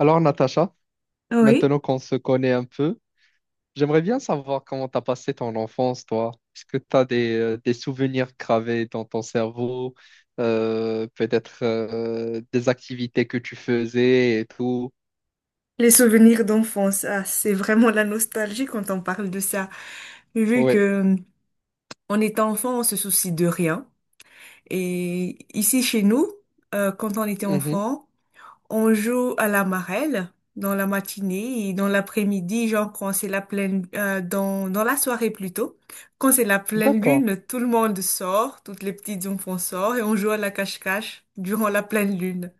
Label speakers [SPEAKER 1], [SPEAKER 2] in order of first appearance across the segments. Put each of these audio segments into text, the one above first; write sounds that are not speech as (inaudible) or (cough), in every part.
[SPEAKER 1] Alors, Natacha,
[SPEAKER 2] Oui,
[SPEAKER 1] maintenant qu'on se connaît un peu, j'aimerais bien savoir comment t'as passé ton enfance, toi. Est-ce que t'as des souvenirs gravés dans ton cerveau, peut-être des activités que tu faisais et tout?
[SPEAKER 2] les souvenirs d'enfance, ah, c'est vraiment la nostalgie quand on parle de ça. Vu que
[SPEAKER 1] Oui.
[SPEAKER 2] on est enfant, on se soucie de rien. Et ici chez nous, quand on était enfant, on joue à la marelle dans la matinée et dans l'après-midi, genre quand c'est la pleine, dans la soirée plutôt. Quand c'est la pleine
[SPEAKER 1] D'accord.
[SPEAKER 2] lune, tout le monde sort, toutes les petites enfants sortent et on joue à la cache-cache durant la pleine lune.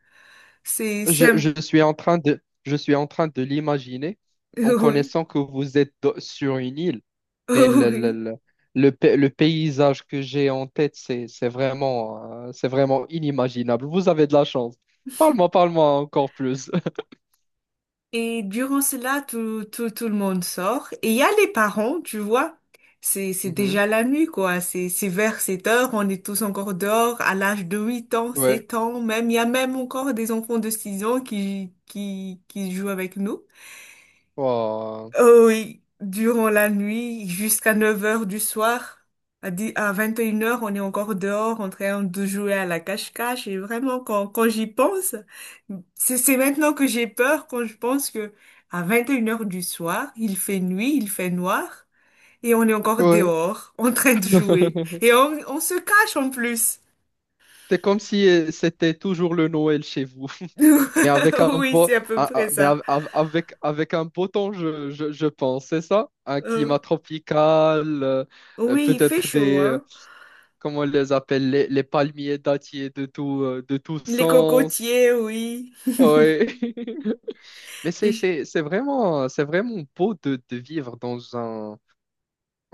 [SPEAKER 2] C'est
[SPEAKER 1] Je,
[SPEAKER 2] c'est un-
[SPEAKER 1] je suis en train je suis en train de l'imaginer
[SPEAKER 2] (laughs)
[SPEAKER 1] en
[SPEAKER 2] oui,
[SPEAKER 1] connaissant que vous êtes sur une île. Mais
[SPEAKER 2] (laughs) oui.
[SPEAKER 1] le paysage que j'ai en tête, c'est vraiment inimaginable. Vous avez de la chance. Parle-moi, parle-moi encore plus. (laughs)
[SPEAKER 2] Et durant cela, tout le monde sort. Et il y a les parents, tu vois. C'est
[SPEAKER 1] Mhm.
[SPEAKER 2] déjà la nuit, quoi. C'est vers 7 heures. On est tous encore dehors à l'âge de 8 ans,
[SPEAKER 1] Ouais.
[SPEAKER 2] 7 ans, même. Il y a même encore des enfants de 6 ans qui jouent avec nous.
[SPEAKER 1] Oh.
[SPEAKER 2] Oh oui, durant la nuit, jusqu'à 9 heures du soir, à 10 à 21 heures, on est encore dehors en train de jouer à la cache-cache. Et vraiment, quand j'y pense, c'est maintenant que j'ai peur quand je pense que à 21 heures du soir, il fait nuit, il fait noir, et on est encore
[SPEAKER 1] Ouais.
[SPEAKER 2] dehors (laughs) en train de jouer.
[SPEAKER 1] (laughs)
[SPEAKER 2] Et on se cache en plus.
[SPEAKER 1] C'est comme si c'était toujours le Noël chez vous. (laughs) Mais avec
[SPEAKER 2] (laughs)
[SPEAKER 1] un
[SPEAKER 2] Oui,
[SPEAKER 1] beau,
[SPEAKER 2] c'est à peu
[SPEAKER 1] ah, ah,
[SPEAKER 2] près
[SPEAKER 1] mais
[SPEAKER 2] ça.
[SPEAKER 1] avec, avec un beau temps, je pense, c'est ça? Un climat
[SPEAKER 2] Euh,
[SPEAKER 1] tropical,
[SPEAKER 2] oui, il fait
[SPEAKER 1] peut-être
[SPEAKER 2] chaud,
[SPEAKER 1] des,
[SPEAKER 2] hein.
[SPEAKER 1] comment on les appelle, les palmiers dattiers de tout
[SPEAKER 2] Les
[SPEAKER 1] sens.
[SPEAKER 2] cocotiers, oui.
[SPEAKER 1] Ouais. (laughs) Mais
[SPEAKER 2] (laughs)
[SPEAKER 1] c'est vraiment beau de vivre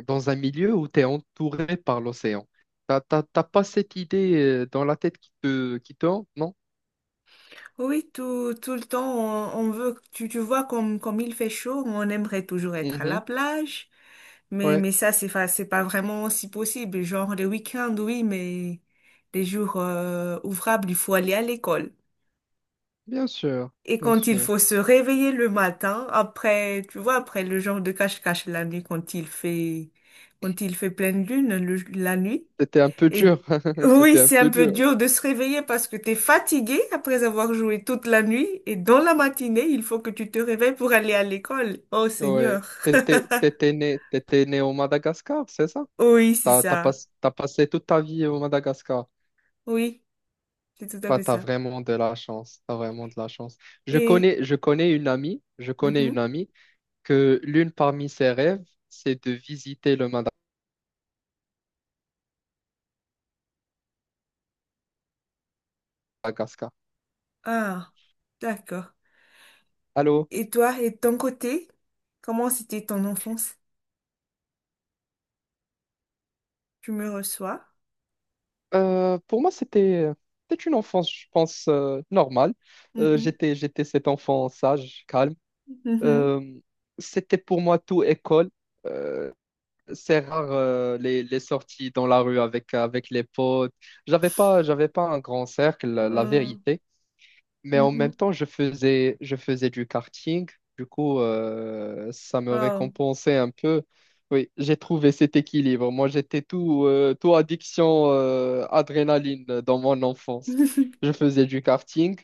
[SPEAKER 1] dans un milieu où tu es entouré par l'océan. T'as pas cette idée dans la tête qui te hante, non?
[SPEAKER 2] Oui, tout le temps, on veut, tu vois, comme il fait chaud, on aimerait toujours être à
[SPEAKER 1] Mhm.
[SPEAKER 2] la plage, mais,
[SPEAKER 1] Ouais,
[SPEAKER 2] mais ça, c'est pas vraiment si possible. Genre, les week-ends, oui, mais les jours ouvrables, il faut aller à l'école.
[SPEAKER 1] bien sûr,
[SPEAKER 2] Et
[SPEAKER 1] bien
[SPEAKER 2] quand il
[SPEAKER 1] sûr.
[SPEAKER 2] faut se réveiller le matin, après, tu vois, après le genre de cache-cache la nuit, quand il fait pleine lune, la nuit,
[SPEAKER 1] C'était un peu
[SPEAKER 2] et
[SPEAKER 1] dur, (laughs)
[SPEAKER 2] oui,
[SPEAKER 1] c'était un
[SPEAKER 2] c'est un
[SPEAKER 1] peu
[SPEAKER 2] peu
[SPEAKER 1] dur.
[SPEAKER 2] dur de se réveiller parce que t'es fatigué après avoir joué toute la nuit et dans la matinée, il faut que tu te réveilles pour aller à l'école. Oh
[SPEAKER 1] Ouais.
[SPEAKER 2] Seigneur. (laughs)
[SPEAKER 1] T'étais né au Madagascar, c'est ça?
[SPEAKER 2] Oui, c'est
[SPEAKER 1] T'as, t'as pas-
[SPEAKER 2] ça.
[SPEAKER 1] T'as passé toute ta vie au Madagascar.
[SPEAKER 2] Oui, c'est tout à
[SPEAKER 1] Bah
[SPEAKER 2] fait
[SPEAKER 1] t'as
[SPEAKER 2] ça.
[SPEAKER 1] vraiment de la chance, t'as vraiment de la chance.
[SPEAKER 2] Et,
[SPEAKER 1] Je connais une
[SPEAKER 2] mhm.
[SPEAKER 1] amie que l'une parmi ses rêves, c'est de visiter le Madagascar.
[SPEAKER 2] Ah, d'accord.
[SPEAKER 1] Allô?
[SPEAKER 2] Et toi, et de ton côté, comment c'était ton enfance? Tu me reçois?
[SPEAKER 1] Pour moi, c'était une enfance, je pense, normale.
[SPEAKER 2] Mhm,
[SPEAKER 1] J'étais cet enfant sage, calme.
[SPEAKER 2] mhm,
[SPEAKER 1] Euh, C'était pour moi tout école. Euh, c'est rare les sorties dans la rue avec, avec les potes. J'avais pas un grand cercle, la
[SPEAKER 2] euh,
[SPEAKER 1] vérité. Mais en même
[SPEAKER 2] mhm.
[SPEAKER 1] temps, je faisais du karting. Du coup, ça me
[SPEAKER 2] Oh.
[SPEAKER 1] récompensait un peu. Oui, j'ai trouvé cet équilibre. Moi, j'étais tout, tout addiction, adrénaline dans mon enfance.
[SPEAKER 2] (laughs)
[SPEAKER 1] Je faisais du karting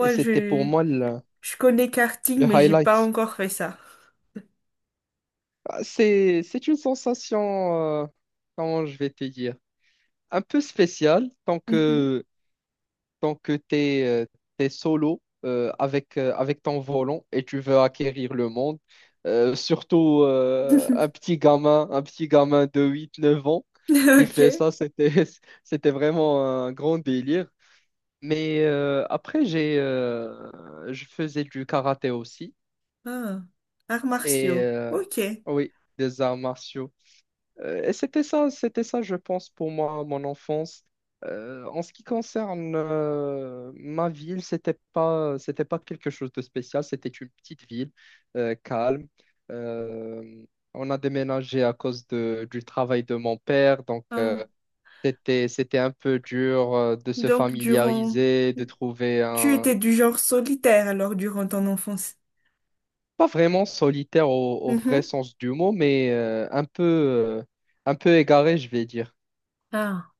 [SPEAKER 1] et c'était pour
[SPEAKER 2] je,
[SPEAKER 1] moi
[SPEAKER 2] je connais karting,
[SPEAKER 1] le
[SPEAKER 2] mais j'ai pas
[SPEAKER 1] highlight.
[SPEAKER 2] encore fait ça.
[SPEAKER 1] Ah, c'est une sensation, comment je vais te dire, un peu spéciale
[SPEAKER 2] Mhm.
[SPEAKER 1] tant que tu es solo avec, avec ton volant et tu veux acquérir le monde. Surtout
[SPEAKER 2] (laughs)
[SPEAKER 1] un petit gamin de huit, neuf ans qui
[SPEAKER 2] Ok.
[SPEAKER 1] fait ça, (laughs) c'était vraiment un grand délire. Mais après, je faisais du karaté aussi.
[SPEAKER 2] Ah. Arts
[SPEAKER 1] Et
[SPEAKER 2] martiaux. Ok.
[SPEAKER 1] oui, des arts martiaux. Et c'était ça, je pense, pour moi, mon enfance. En ce qui concerne ma ville, c'était pas quelque chose de spécial. C'était une petite ville calme. Euh, on a déménagé à cause du travail de mon père, donc
[SPEAKER 2] Ah.
[SPEAKER 1] c'était, c'était un peu dur de se
[SPEAKER 2] Donc, durant...
[SPEAKER 1] familiariser, de trouver
[SPEAKER 2] Tu
[SPEAKER 1] un,
[SPEAKER 2] étais du genre solitaire alors durant ton enfance.
[SPEAKER 1] pas vraiment solitaire au vrai
[SPEAKER 2] Mhm.
[SPEAKER 1] sens du mot, mais un peu égaré, je vais dire.
[SPEAKER 2] Ah.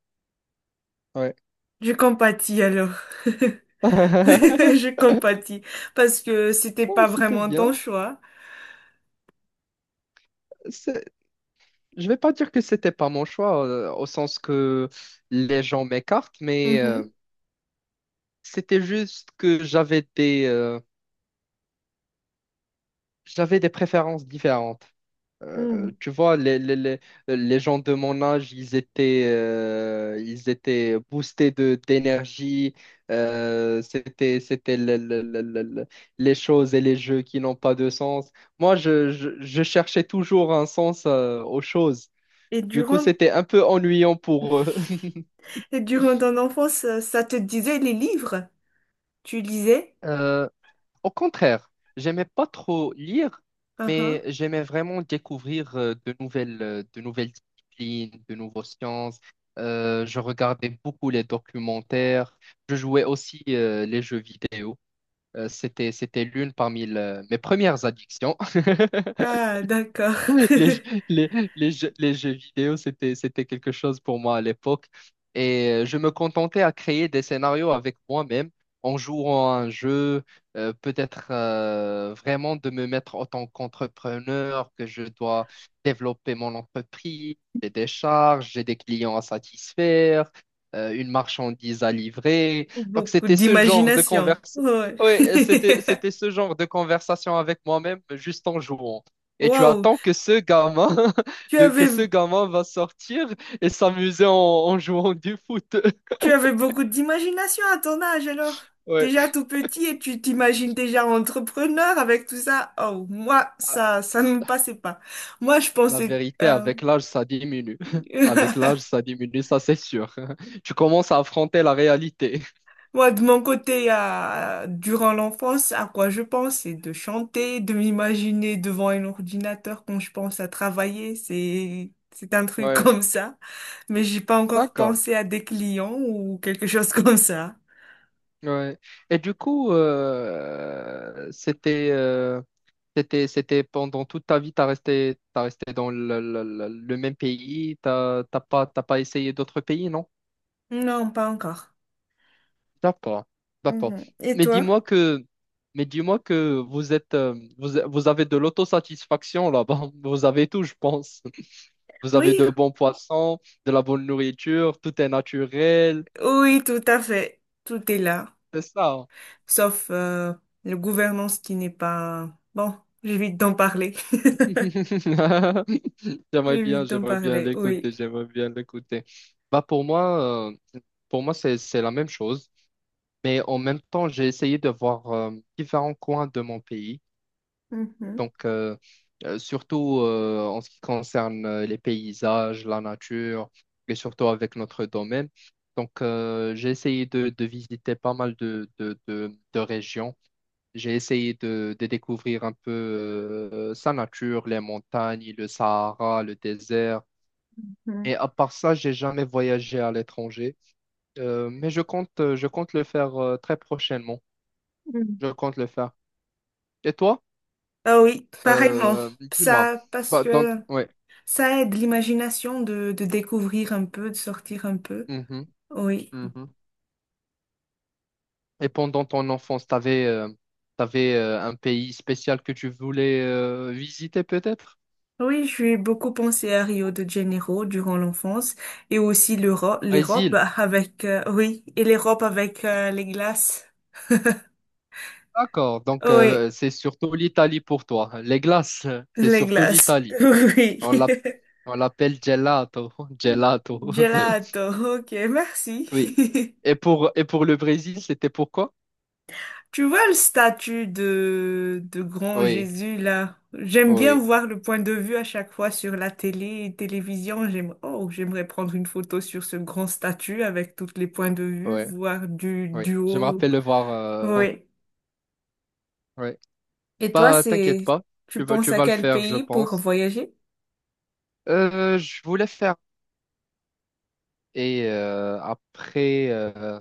[SPEAKER 1] Ouais.
[SPEAKER 2] Je compatis alors. (laughs)
[SPEAKER 1] (laughs)
[SPEAKER 2] Je compatis parce que c'était
[SPEAKER 1] Oh,
[SPEAKER 2] pas
[SPEAKER 1] c'était
[SPEAKER 2] vraiment ton
[SPEAKER 1] bien.
[SPEAKER 2] choix.
[SPEAKER 1] C'est- Je vais pas dire que c'était pas mon choix, au sens que les gens m'écartent, mais
[SPEAKER 2] Mhm.
[SPEAKER 1] c'était juste que j'avais des préférences différentes.
[SPEAKER 2] Mm.
[SPEAKER 1] Tu vois, les gens de mon âge, ils étaient boostés de, d'énergie. C'était les choses et les jeux qui n'ont pas de sens. Moi, je cherchais toujours un sens, aux choses.
[SPEAKER 2] Et
[SPEAKER 1] Du coup,
[SPEAKER 2] durant,
[SPEAKER 1] c'était un peu ennuyant pour eux. (laughs)
[SPEAKER 2] et durant ton enfance, ça te disait les livres? Tu lisais?
[SPEAKER 1] Euh, au contraire, j'aimais pas trop lire, mais
[SPEAKER 2] Uhum.
[SPEAKER 1] j'aimais vraiment découvrir de nouvelles disciplines, de nouvelles sciences. Je regardais beaucoup les documentaires. Je jouais aussi les jeux vidéo. C'était l'une parmi mes premières addictions. (laughs)
[SPEAKER 2] Ah, d'accord.
[SPEAKER 1] (laughs) Les, jeux-
[SPEAKER 2] (laughs)
[SPEAKER 1] les, les jeux vidéo, c'était quelque chose pour moi à l'époque. Et je me contentais à créer des scénarios avec moi-même en jouant à un jeu, peut-être vraiment de me mettre en tant qu'entrepreneur, que je dois développer mon entreprise, j'ai des charges, j'ai des clients à satisfaire, une marchandise à livrer. Donc
[SPEAKER 2] Beaucoup
[SPEAKER 1] c'était ce genre de
[SPEAKER 2] d'imagination.
[SPEAKER 1] conversation.
[SPEAKER 2] Ouais.
[SPEAKER 1] Oui, c'était, c'était
[SPEAKER 2] (laughs)
[SPEAKER 1] ce genre de conversation avec moi-même juste en jouant. Et tu
[SPEAKER 2] Waouh.
[SPEAKER 1] attends que ce gamin, (laughs)
[SPEAKER 2] Tu
[SPEAKER 1] de, que
[SPEAKER 2] avais,
[SPEAKER 1] ce gamin va sortir et s'amuser en, en jouant du foot. (laughs)
[SPEAKER 2] tu avais beaucoup d'imagination à ton âge alors.
[SPEAKER 1] Ouais.
[SPEAKER 2] Déjà tout petit et tu t'imagines déjà entrepreneur avec tout ça. Oh, moi,
[SPEAKER 1] Ah,
[SPEAKER 2] ça ne me passait pas. Moi, je
[SPEAKER 1] la
[SPEAKER 2] pensais,
[SPEAKER 1] vérité, avec l'âge, ça diminue. (laughs) Avec
[SPEAKER 2] (laughs)
[SPEAKER 1] l'âge, ça diminue, ça c'est sûr. (laughs) Tu commences à affronter la réalité. (laughs)
[SPEAKER 2] Moi, de mon côté, durant l'enfance, à quoi je pense, c'est de chanter, de m'imaginer devant un ordinateur quand je pense à travailler. C'est un truc (laughs)
[SPEAKER 1] Ouais.
[SPEAKER 2] comme ça. Mais j'ai pas encore
[SPEAKER 1] D'accord.
[SPEAKER 2] pensé à des clients ou quelque chose (laughs) comme ça.
[SPEAKER 1] Ouais. Et du coup, c'était pendant toute ta vie, t'as resté dans le même pays, t'as pas essayé d'autres pays, non?
[SPEAKER 2] Non, pas encore.
[SPEAKER 1] D'accord, d'accord.
[SPEAKER 2] Mhm. Et
[SPEAKER 1] Mais
[SPEAKER 2] toi?
[SPEAKER 1] dis-moi que, mais dis-moi que vous êtes, vous avez de l'autosatisfaction là-bas. (laughs) Vous avez tout, je pense. (laughs) Vous avez
[SPEAKER 2] Oui,
[SPEAKER 1] de bons poissons, de la bonne nourriture, tout est naturel.
[SPEAKER 2] oui, tout à fait. Tout est là.
[SPEAKER 1] C'est ça.
[SPEAKER 2] Sauf la gouvernance qui n'est pas... Bon, j'évite d'en parler.
[SPEAKER 1] (laughs)
[SPEAKER 2] (laughs) J'évite d'en
[SPEAKER 1] J'aimerais bien
[SPEAKER 2] parler, oui.
[SPEAKER 1] l'écouter, j'aimerais bien l'écouter. Bah pour moi c'est la même chose, mais en même temps j'ai essayé de voir différents coins de mon pays.
[SPEAKER 2] Mhm,
[SPEAKER 1] Donc, surtout en ce qui concerne les paysages, la nature, et surtout avec notre domaine. Donc, j'ai essayé de visiter pas mal de régions. J'ai essayé de découvrir un peu sa nature, les montagnes, le Sahara, le désert.
[SPEAKER 2] mhm,
[SPEAKER 1] Et à part ça, j'ai jamais voyagé à l'étranger. Mais je compte le faire très prochainement.
[SPEAKER 2] mhm.
[SPEAKER 1] Je compte le faire. Et toi?
[SPEAKER 2] Ah oui, pareillement.
[SPEAKER 1] Euh, dis-moi.
[SPEAKER 2] Ça, parce
[SPEAKER 1] Bah, dans...
[SPEAKER 2] que
[SPEAKER 1] Ouais.
[SPEAKER 2] ça aide l'imagination de découvrir un peu, de sortir un peu. Oui.
[SPEAKER 1] Mhm. Et pendant ton enfance, t'avais un pays spécial que tu voulais visiter peut-être?
[SPEAKER 2] Oui, j'ai beaucoup pensé à Rio de Janeiro durant l'enfance et aussi l'Europe, l'Europe
[SPEAKER 1] Brésil.
[SPEAKER 2] avec, oui, et l'Europe avec les glaces.
[SPEAKER 1] D'accord. Donc
[SPEAKER 2] Oui,
[SPEAKER 1] c'est surtout l'Italie pour toi. Les glaces, c'est
[SPEAKER 2] les
[SPEAKER 1] surtout
[SPEAKER 2] glaces. (laughs)
[SPEAKER 1] l'Italie.
[SPEAKER 2] Oui.
[SPEAKER 1] On l'app- on l'appelle gelato, (laughs) gelato.
[SPEAKER 2] Gelato,
[SPEAKER 1] (laughs)
[SPEAKER 2] ok, merci.
[SPEAKER 1] Oui.
[SPEAKER 2] (laughs)
[SPEAKER 1] Et pour le Brésil, c'était pourquoi?
[SPEAKER 2] Tu vois le statut de grand
[SPEAKER 1] Oui,
[SPEAKER 2] Jésus là? J'aime bien
[SPEAKER 1] oui,
[SPEAKER 2] voir le point de vue à chaque fois sur la télé et télévision. J'aime, oh, j'aimerais prendre une photo sur ce grand statut avec tous les points de vue,
[SPEAKER 1] oui,
[SPEAKER 2] voir du,
[SPEAKER 1] oui.
[SPEAKER 2] du
[SPEAKER 1] Je me
[SPEAKER 2] haut.
[SPEAKER 1] rappelle le voir. Euh,
[SPEAKER 2] Oui.
[SPEAKER 1] oui.
[SPEAKER 2] Et toi,
[SPEAKER 1] Pas, t'inquiète
[SPEAKER 2] c'est,
[SPEAKER 1] pas.
[SPEAKER 2] tu penses
[SPEAKER 1] Tu
[SPEAKER 2] à
[SPEAKER 1] vas le
[SPEAKER 2] quel
[SPEAKER 1] faire, je
[SPEAKER 2] pays pour
[SPEAKER 1] pense.
[SPEAKER 2] voyager?
[SPEAKER 1] Je voulais faire. Et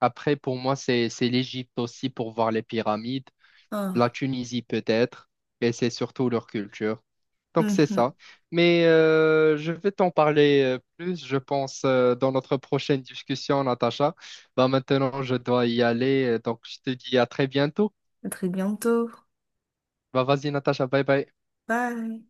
[SPEAKER 1] après, pour moi, c'est l'Égypte aussi pour voir les pyramides, la
[SPEAKER 2] Ah.
[SPEAKER 1] Tunisie peut-être, et c'est surtout leur culture. Donc c'est
[SPEAKER 2] Mhm.
[SPEAKER 1] ça. Mais je vais t'en parler plus, je pense, dans notre prochaine discussion, Natacha. Bah, maintenant, je dois y aller, donc je te dis à très bientôt.
[SPEAKER 2] À très bientôt.
[SPEAKER 1] Bah, vas-y, Natacha, bye bye.
[SPEAKER 2] Bye.